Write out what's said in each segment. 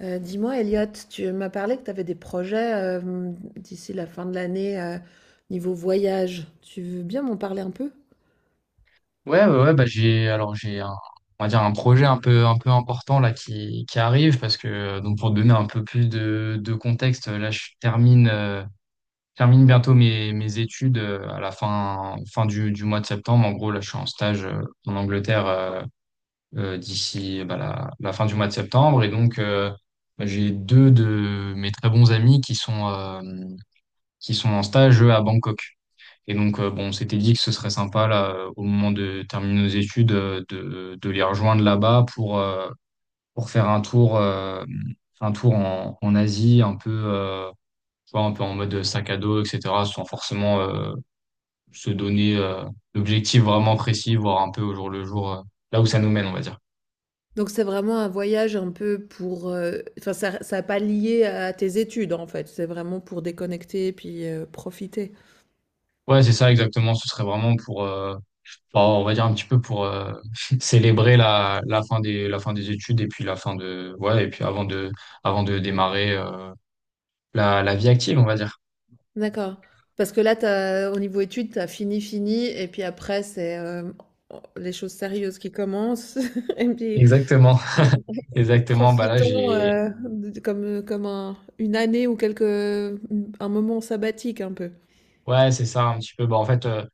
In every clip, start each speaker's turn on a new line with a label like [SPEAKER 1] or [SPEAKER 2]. [SPEAKER 1] Dis-moi Elliot, tu m'as parlé que tu avais des projets, d'ici la fin de l'année, niveau voyage. Tu veux bien m'en parler un peu?
[SPEAKER 2] Ouais, ouais, ouais, bah j'ai un, on va dire, un projet un peu important là qui arrive parce que donc pour te donner un peu plus de contexte là je termine, termine bientôt mes études, à la fin du mois de septembre. En gros là je suis en stage, en Angleterre, d'ici bah, la fin du mois de septembre. Et donc bah, j'ai deux de mes très bons amis qui sont en stage eux, à Bangkok. Et donc, bon, on s'était dit que ce serait sympa, là, au moment de terminer nos études, de les rejoindre là-bas pour faire un tour en Asie, un peu, tu vois, un peu en mode sac à dos, etc., sans forcément se donner d'objectifs vraiment précis, voir un peu au jour le jour, là où ça nous mène, on va dire.
[SPEAKER 1] Donc c'est vraiment un voyage un peu pour, enfin ça pas lié à tes études en fait, c'est vraiment pour déconnecter et puis, profiter?
[SPEAKER 2] Ouais, c'est ça, exactement. Ce serait vraiment pour, bah, on va dire un petit peu pour célébrer la fin la fin des études et puis la fin de, ouais, et puis avant de démarrer, la, la vie active, on va dire.
[SPEAKER 1] D'accord. Parce que là t'as au niveau études, tu as fini et puis après c'est, les choses sérieuses qui commencent et puis
[SPEAKER 2] Exactement.
[SPEAKER 1] Dis-
[SPEAKER 2] Exactement. Bah là,
[SPEAKER 1] Profitons
[SPEAKER 2] j'ai,
[SPEAKER 1] comme, comme une année ou quelques, un moment sabbatique un peu.
[SPEAKER 2] ouais, c'est ça un petit peu. Bah en fait,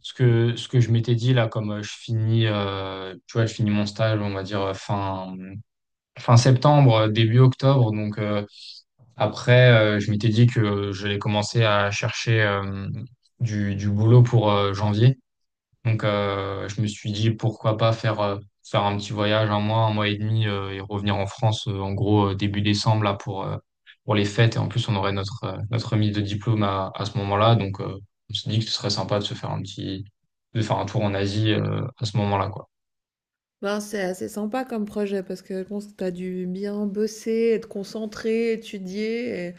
[SPEAKER 2] ce que je m'étais dit là, comme je finis, tu vois, je finis mon stage, on va dire fin septembre, début octobre. Donc après, je m'étais dit que j'allais commencer à chercher du boulot pour janvier. Donc, je me suis dit pourquoi pas faire, faire un petit voyage, un mois et demi, et revenir en France, en gros, début décembre, là, pour les fêtes. Et en plus, on aurait notre, notre remise de diplôme à ce moment-là. Donc, on s'est dit que ce serait sympa de se faire un de faire un tour en Asie, à ce moment-là, quoi.
[SPEAKER 1] Ben, c'est assez sympa comme projet parce que je pense que tu as dû bien bosser, être concentré, étudier. Et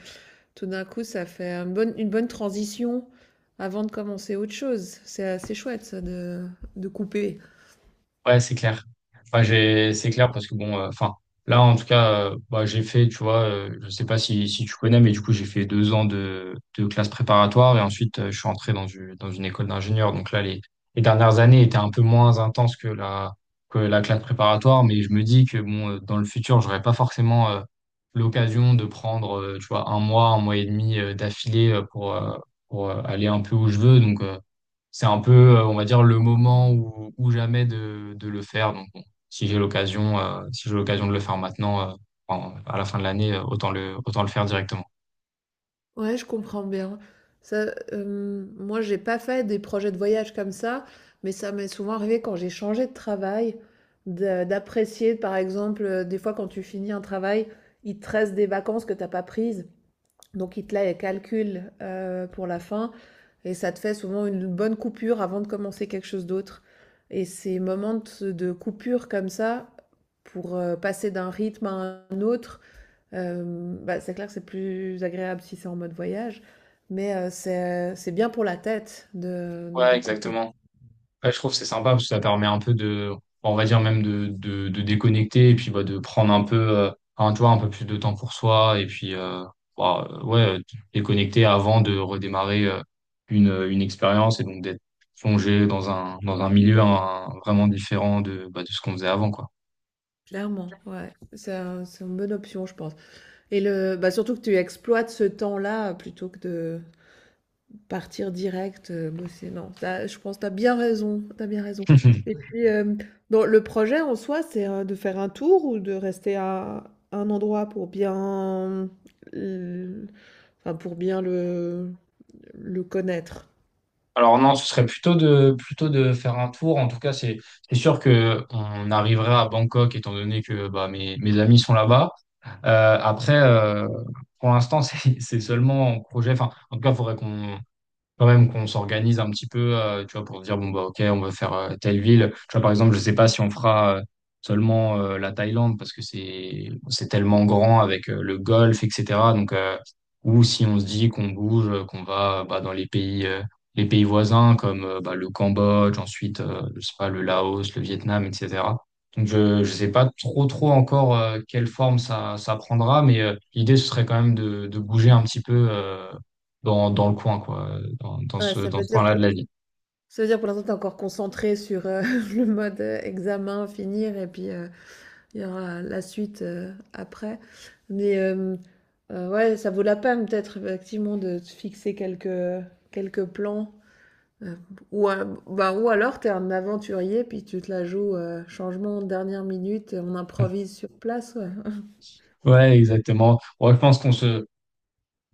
[SPEAKER 1] tout d'un coup, ça fait une bonne transition avant de commencer autre chose. C'est assez chouette ça de couper.
[SPEAKER 2] Ouais, c'est clair. Enfin, j'ai, c'est clair parce que bon, enfin, là, en tout cas, bah, j'ai fait, tu vois, je sais pas si tu connais, mais du coup, j'ai fait 2 ans de classe préparatoire et ensuite, je suis entré dans une école d'ingénieur. Donc là, les dernières années étaient un peu moins intenses que que la classe préparatoire, mais je me dis que bon, dans le futur, j'aurais pas forcément, l'occasion de prendre, tu vois, un mois et demi, d'affilée pour, aller un peu où je veux. Donc, c'est un peu, on va dire, le moment ou jamais de le faire. Donc, bon, si j'ai l'occasion, si j'ai l'occasion de le faire maintenant, à la fin de l'année, autant le faire directement.
[SPEAKER 1] Ouais, je comprends bien. Ça, moi, j'ai pas fait des projets de voyage comme ça, mais ça m'est souvent arrivé quand j'ai changé de travail, d'apprécier, par exemple, des fois quand tu finis un travail, il te reste des vacances que t'as pas prises, donc il te la calcule pour la fin, et ça te fait souvent une bonne coupure avant de commencer quelque chose d'autre. Et ces moments de coupure comme ça, pour passer d'un rythme à un autre. Bah, c'est clair que c'est plus agréable si c'est en mode voyage, mais c'est bien pour la tête
[SPEAKER 2] Ouais,
[SPEAKER 1] de couper.
[SPEAKER 2] exactement. Ouais, je trouve que c'est sympa parce que ça permet un peu de, on va dire même de déconnecter et puis bah, de prendre un peu, tu vois, un peu plus de temps pour soi et puis, ouais, déconnecter avant de redémarrer une expérience, et donc d'être plongé dans un milieu hein, vraiment différent bah, de ce qu'on faisait avant, quoi.
[SPEAKER 1] Clairement, ouais. C'est une bonne option, je pense et le bah, surtout que tu exploites ce temps-là plutôt que de partir direct, bosser. Non, ça, je pense que tu as bien raison, t'as bien raison et puis, dans le projet en soi, c'est, de faire un tour ou de rester à un endroit pour bien, l enfin, pour bien le connaître?
[SPEAKER 2] Alors non, ce serait plutôt de faire un tour. En tout cas, c'est sûr que on arriverait à Bangkok étant donné que bah, mes amis sont là-bas. Après, pour l'instant, c'est seulement en projet. Enfin, en tout cas, il faudrait qu'on quand même qu'on s'organise un petit peu, tu vois, pour dire, bon, bah, ok, on va faire telle ville. Tu vois, par exemple, je sais pas si on fera seulement la Thaïlande parce que c'est tellement grand avec le golfe, etc. Donc, ou si on se dit qu'on bouge, qu'on va bah, dans les pays voisins comme bah, le Cambodge, ensuite, je sais pas, le Laos, le Vietnam, etc. Donc, je sais pas trop encore quelle forme ça prendra, mais l'idée, ce serait quand même de bouger un petit peu, dans, dans le coin, quoi,
[SPEAKER 1] Ouais, ça
[SPEAKER 2] dans
[SPEAKER 1] veut
[SPEAKER 2] ce
[SPEAKER 1] dire
[SPEAKER 2] coin-là
[SPEAKER 1] que
[SPEAKER 2] de la vie.
[SPEAKER 1] ça veut dire pour l'instant tu es encore concentré sur, le mode, examen, finir et puis, il y aura la suite, après. Mais, ouais, ça vaut la peine peut-être effectivement de se fixer quelques, quelques plans, heu, ou alors tu es un aventurier puis tu te la joues, changement dernière minute, on improvise sur place, ouais.
[SPEAKER 2] Ouais, exactement. Ouais, je pense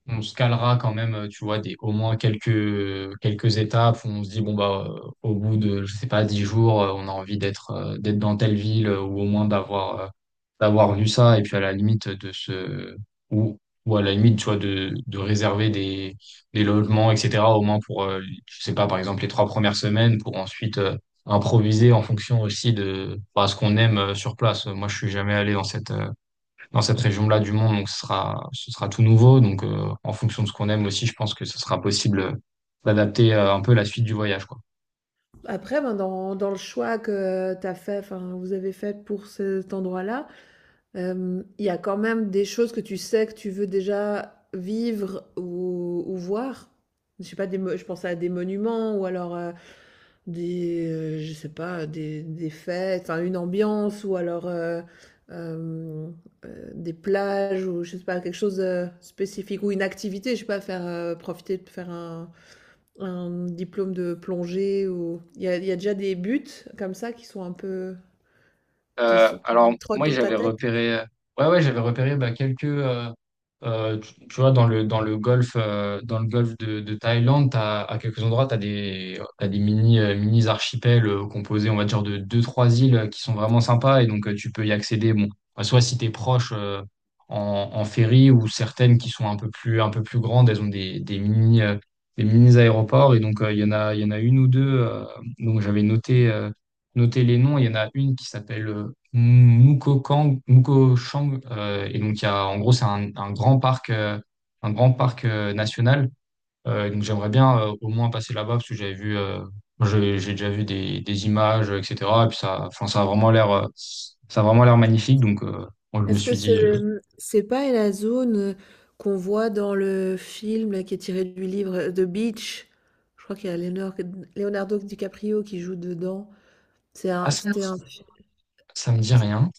[SPEAKER 2] on se calera quand même, tu vois, au moins quelques étapes où on se dit, bon, bah, au bout de, je sais pas, 10 jours, on a envie d'être d'être dans telle ville ou au moins d'avoir d'avoir vu ça. Et puis à la limite de se. Ou, ou à la limite, tu vois, de réserver des logements, etc. Au moins pour, je sais pas, par exemple, les 3 premières semaines pour ensuite, improviser en fonction aussi de bah, ce qu'on aime sur place. Moi, je suis jamais allé dans cette région-là du monde. Donc, ce sera tout nouveau. Donc, en fonction de ce qu'on aime aussi, je pense que ce sera possible d'adapter un peu la suite du voyage, quoi.
[SPEAKER 1] Après, ben, dans le choix que tu as fait, enfin, vous avez fait pour cet endroit-là. Il y a quand même des choses que tu sais que tu veux déjà vivre ou voir? Je sais pas, des mo je pense à des monuments ou alors, des, je sais pas, des fêtes, enfin une ambiance ou alors, hem, des plages ou je sais pas, quelque chose, spécifique ou une activité, je sais pas, faire, profiter de faire un diplôme de plongée ou il y a déjà des buts comme ça qui sont un peu qui sont
[SPEAKER 2] Alors,
[SPEAKER 1] qui trottent
[SPEAKER 2] moi,
[SPEAKER 1] dans ta
[SPEAKER 2] j'avais
[SPEAKER 1] tête?
[SPEAKER 2] repéré, ouais, ouais, j'avais repéré bah, quelques, tu vois, dans le golfe de Thaïlande, t'as, à quelques endroits, t'as des mini, mini archipels composés, on va dire, de 2, 3 îles qui sont vraiment sympas, et donc tu peux y accéder, bon, bah, soit si tu es proche en ferry, ou certaines qui sont un peu plus grandes, elles ont des mini aéroports, et donc il y en a une ou deux, donc j'avais noté, noter les noms. Il y en a une qui s'appelle Moukokang, Moukochang, et donc il y a, en gros, c'est un grand parc national. Donc j'aimerais bien au moins passer là-bas parce que j'avais vu, j'ai déjà vu des images, etc. Et puis ça, enfin, ça a vraiment l'air, ça a vraiment l'air magnifique. Donc moi, je me
[SPEAKER 1] Est-ce que
[SPEAKER 2] suis dit,
[SPEAKER 1] c'est pas la zone qu'on voit dans le film là, qui est tiré du livre The Beach? Je crois qu'il y a Leonardo DiCaprio qui joue dedans. C'est
[SPEAKER 2] ah
[SPEAKER 1] un-
[SPEAKER 2] ça,
[SPEAKER 1] C'était un,
[SPEAKER 2] ça me dit rien.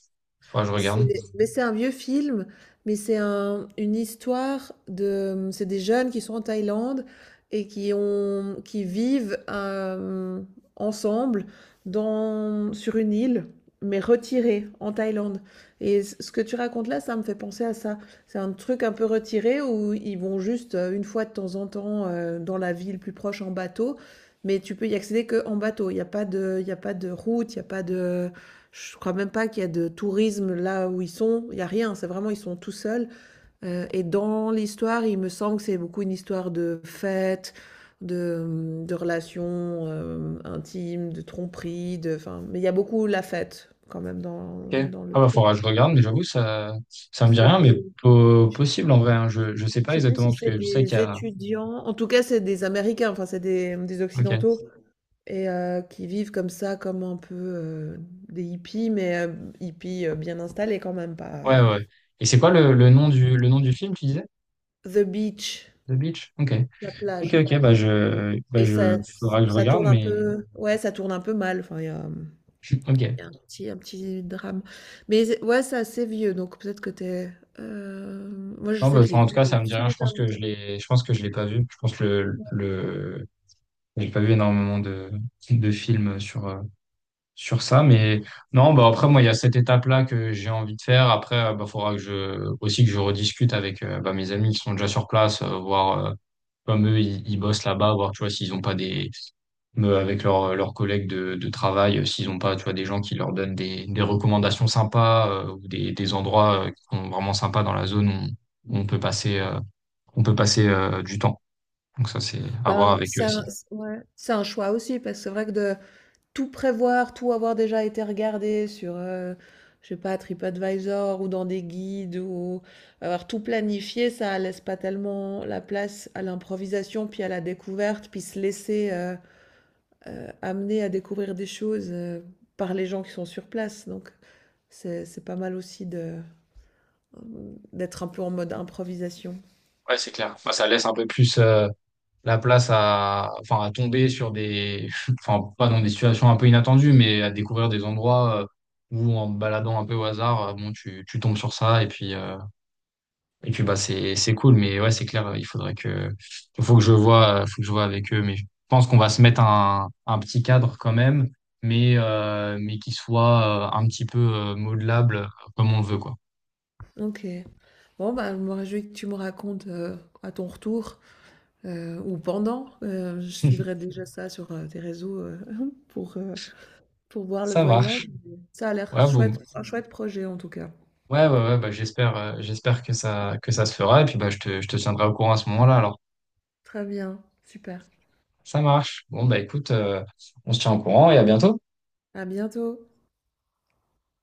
[SPEAKER 2] Faudra que je regarde.
[SPEAKER 1] mais c'est un vieux film, mais c'est un, une histoire de, c'est des jeunes qui sont en Thaïlande et qui ont, qui vivent ensemble dans, sur une île, mais retirée en Thaïlande. Et ce que tu racontes là, ça me fait penser à ça. C'est un truc un peu retiré où ils vont juste une fois de temps en temps dans la ville plus proche en bateau, mais tu peux y accéder que en bateau. Il n'y a pas de, il y a pas de route, il n'y a pas de je crois même pas qu'il y a de tourisme là où ils sont, il y a rien, c'est vraiment ils sont tout seuls, et dans l'histoire, il me semble que c'est beaucoup une histoire de fête, de, mmh, de relations, intimes, de tromperies, de enfin mais il y a beaucoup la fête quand même dans
[SPEAKER 2] Ok.
[SPEAKER 1] dans le
[SPEAKER 2] Ah bah
[SPEAKER 1] truc.
[SPEAKER 2] faudra que je regarde, mais j'avoue ça me dit
[SPEAKER 1] C'est
[SPEAKER 2] rien, mais
[SPEAKER 1] des
[SPEAKER 2] po-
[SPEAKER 1] je
[SPEAKER 2] possible en vrai, hein. Je sais pas
[SPEAKER 1] sais plus
[SPEAKER 2] exactement
[SPEAKER 1] si
[SPEAKER 2] parce
[SPEAKER 1] c'est
[SPEAKER 2] que je sais qu'il y
[SPEAKER 1] des
[SPEAKER 2] a.
[SPEAKER 1] étudiants, en tout cas c'est des Américains, enfin c'est des, mmh, des
[SPEAKER 2] Ok.
[SPEAKER 1] occidentaux et qui vivent comme ça, comme un peu, des hippies mais hippies, bien installés quand même, pas,
[SPEAKER 2] Ouais, ouais. Et c'est quoi le nom du film, tu disais?
[SPEAKER 1] The Beach,
[SPEAKER 2] The Beach? Ok.
[SPEAKER 1] la
[SPEAKER 2] Ok,
[SPEAKER 1] plage.
[SPEAKER 2] ok,
[SPEAKER 1] Et ça
[SPEAKER 2] faudra que je
[SPEAKER 1] ça
[SPEAKER 2] regarde,
[SPEAKER 1] tourne un
[SPEAKER 2] mais
[SPEAKER 1] peu ouais, ça tourne un peu mal, enfin
[SPEAKER 2] ok.
[SPEAKER 1] il y a un petit drame. Mais c'est ouais, c'est assez vieux, donc peut-être que es, moi je
[SPEAKER 2] Non, bah,
[SPEAKER 1] sais que je l'ai
[SPEAKER 2] enfin, en
[SPEAKER 1] vu,
[SPEAKER 2] tout
[SPEAKER 1] mais
[SPEAKER 2] cas,
[SPEAKER 1] il y
[SPEAKER 2] ça
[SPEAKER 1] a
[SPEAKER 2] me dit rien. Je
[SPEAKER 1] super
[SPEAKER 2] pense que je
[SPEAKER 1] longtemps.
[SPEAKER 2] l'ai, je pense que je l'ai pas vu. Je pense que j'ai pas vu énormément de films sur, sur ça, mais non, bah après, moi, il y a cette étape-là que j'ai envie de faire. Après, bah, faudra aussi que je rediscute avec, bah, mes amis qui sont déjà sur place, voir, comme eux, ils bossent là-bas, voir, tu vois, s'ils ont pas des, avec leurs leurs collègues de travail, s'ils n'ont pas, tu vois, des gens qui leur donnent des recommandations sympas ou des endroits qui sont vraiment sympas dans la zone où on peut passer du temps. Donc ça, c'est à voir
[SPEAKER 1] Ben,
[SPEAKER 2] avec eux
[SPEAKER 1] c'est un
[SPEAKER 2] aussi.
[SPEAKER 1] c ouais, c'est un choix aussi parce que c'est vrai que de tout prévoir, tout avoir déjà été regardé sur, je sais pas TripAdvisor ou dans des guides ou avoir tout planifié, ça laisse pas tellement la place à l'improvisation, puis à la découverte, puis se laisser, amener à découvrir des choses par les gens qui sont sur place. Donc c'est pas mal aussi de d'être un peu en mode improvisation.
[SPEAKER 2] Ouais, c'est clair. Enfin, ça laisse un peu plus la place à, enfin, à tomber sur des, enfin, pas dans des situations un peu inattendues, mais à découvrir des endroits où en te baladant un peu au hasard, bon, tu tombes sur ça et puis et puis bah c'est cool, mais ouais, c'est clair, il faudrait que il faut que je vois, faut que je vois avec eux, mais je pense qu'on va se mettre un petit cadre quand même, mais qui soit un petit peu modelable comme on le veut quoi.
[SPEAKER 1] Ok. Bon, bah, je me réjouis que tu me racontes à ton retour ou pendant. Je suivrai déjà ça sur tes réseaux pour, euh, pour voir le
[SPEAKER 2] Ça
[SPEAKER 1] voyage.
[SPEAKER 2] marche.
[SPEAKER 1] Ça a l'air
[SPEAKER 2] Ouais bon.
[SPEAKER 1] chouette, un chouette projet en tout cas.
[SPEAKER 2] Ouais ouais ouais bah j'espère, j'espère que ça se fera, et puis bah je te tiendrai au courant à ce moment-là alors.
[SPEAKER 1] Très bien, super.
[SPEAKER 2] Ça marche. Bon bah écoute, on se tient au courant et à bientôt.
[SPEAKER 1] À bientôt.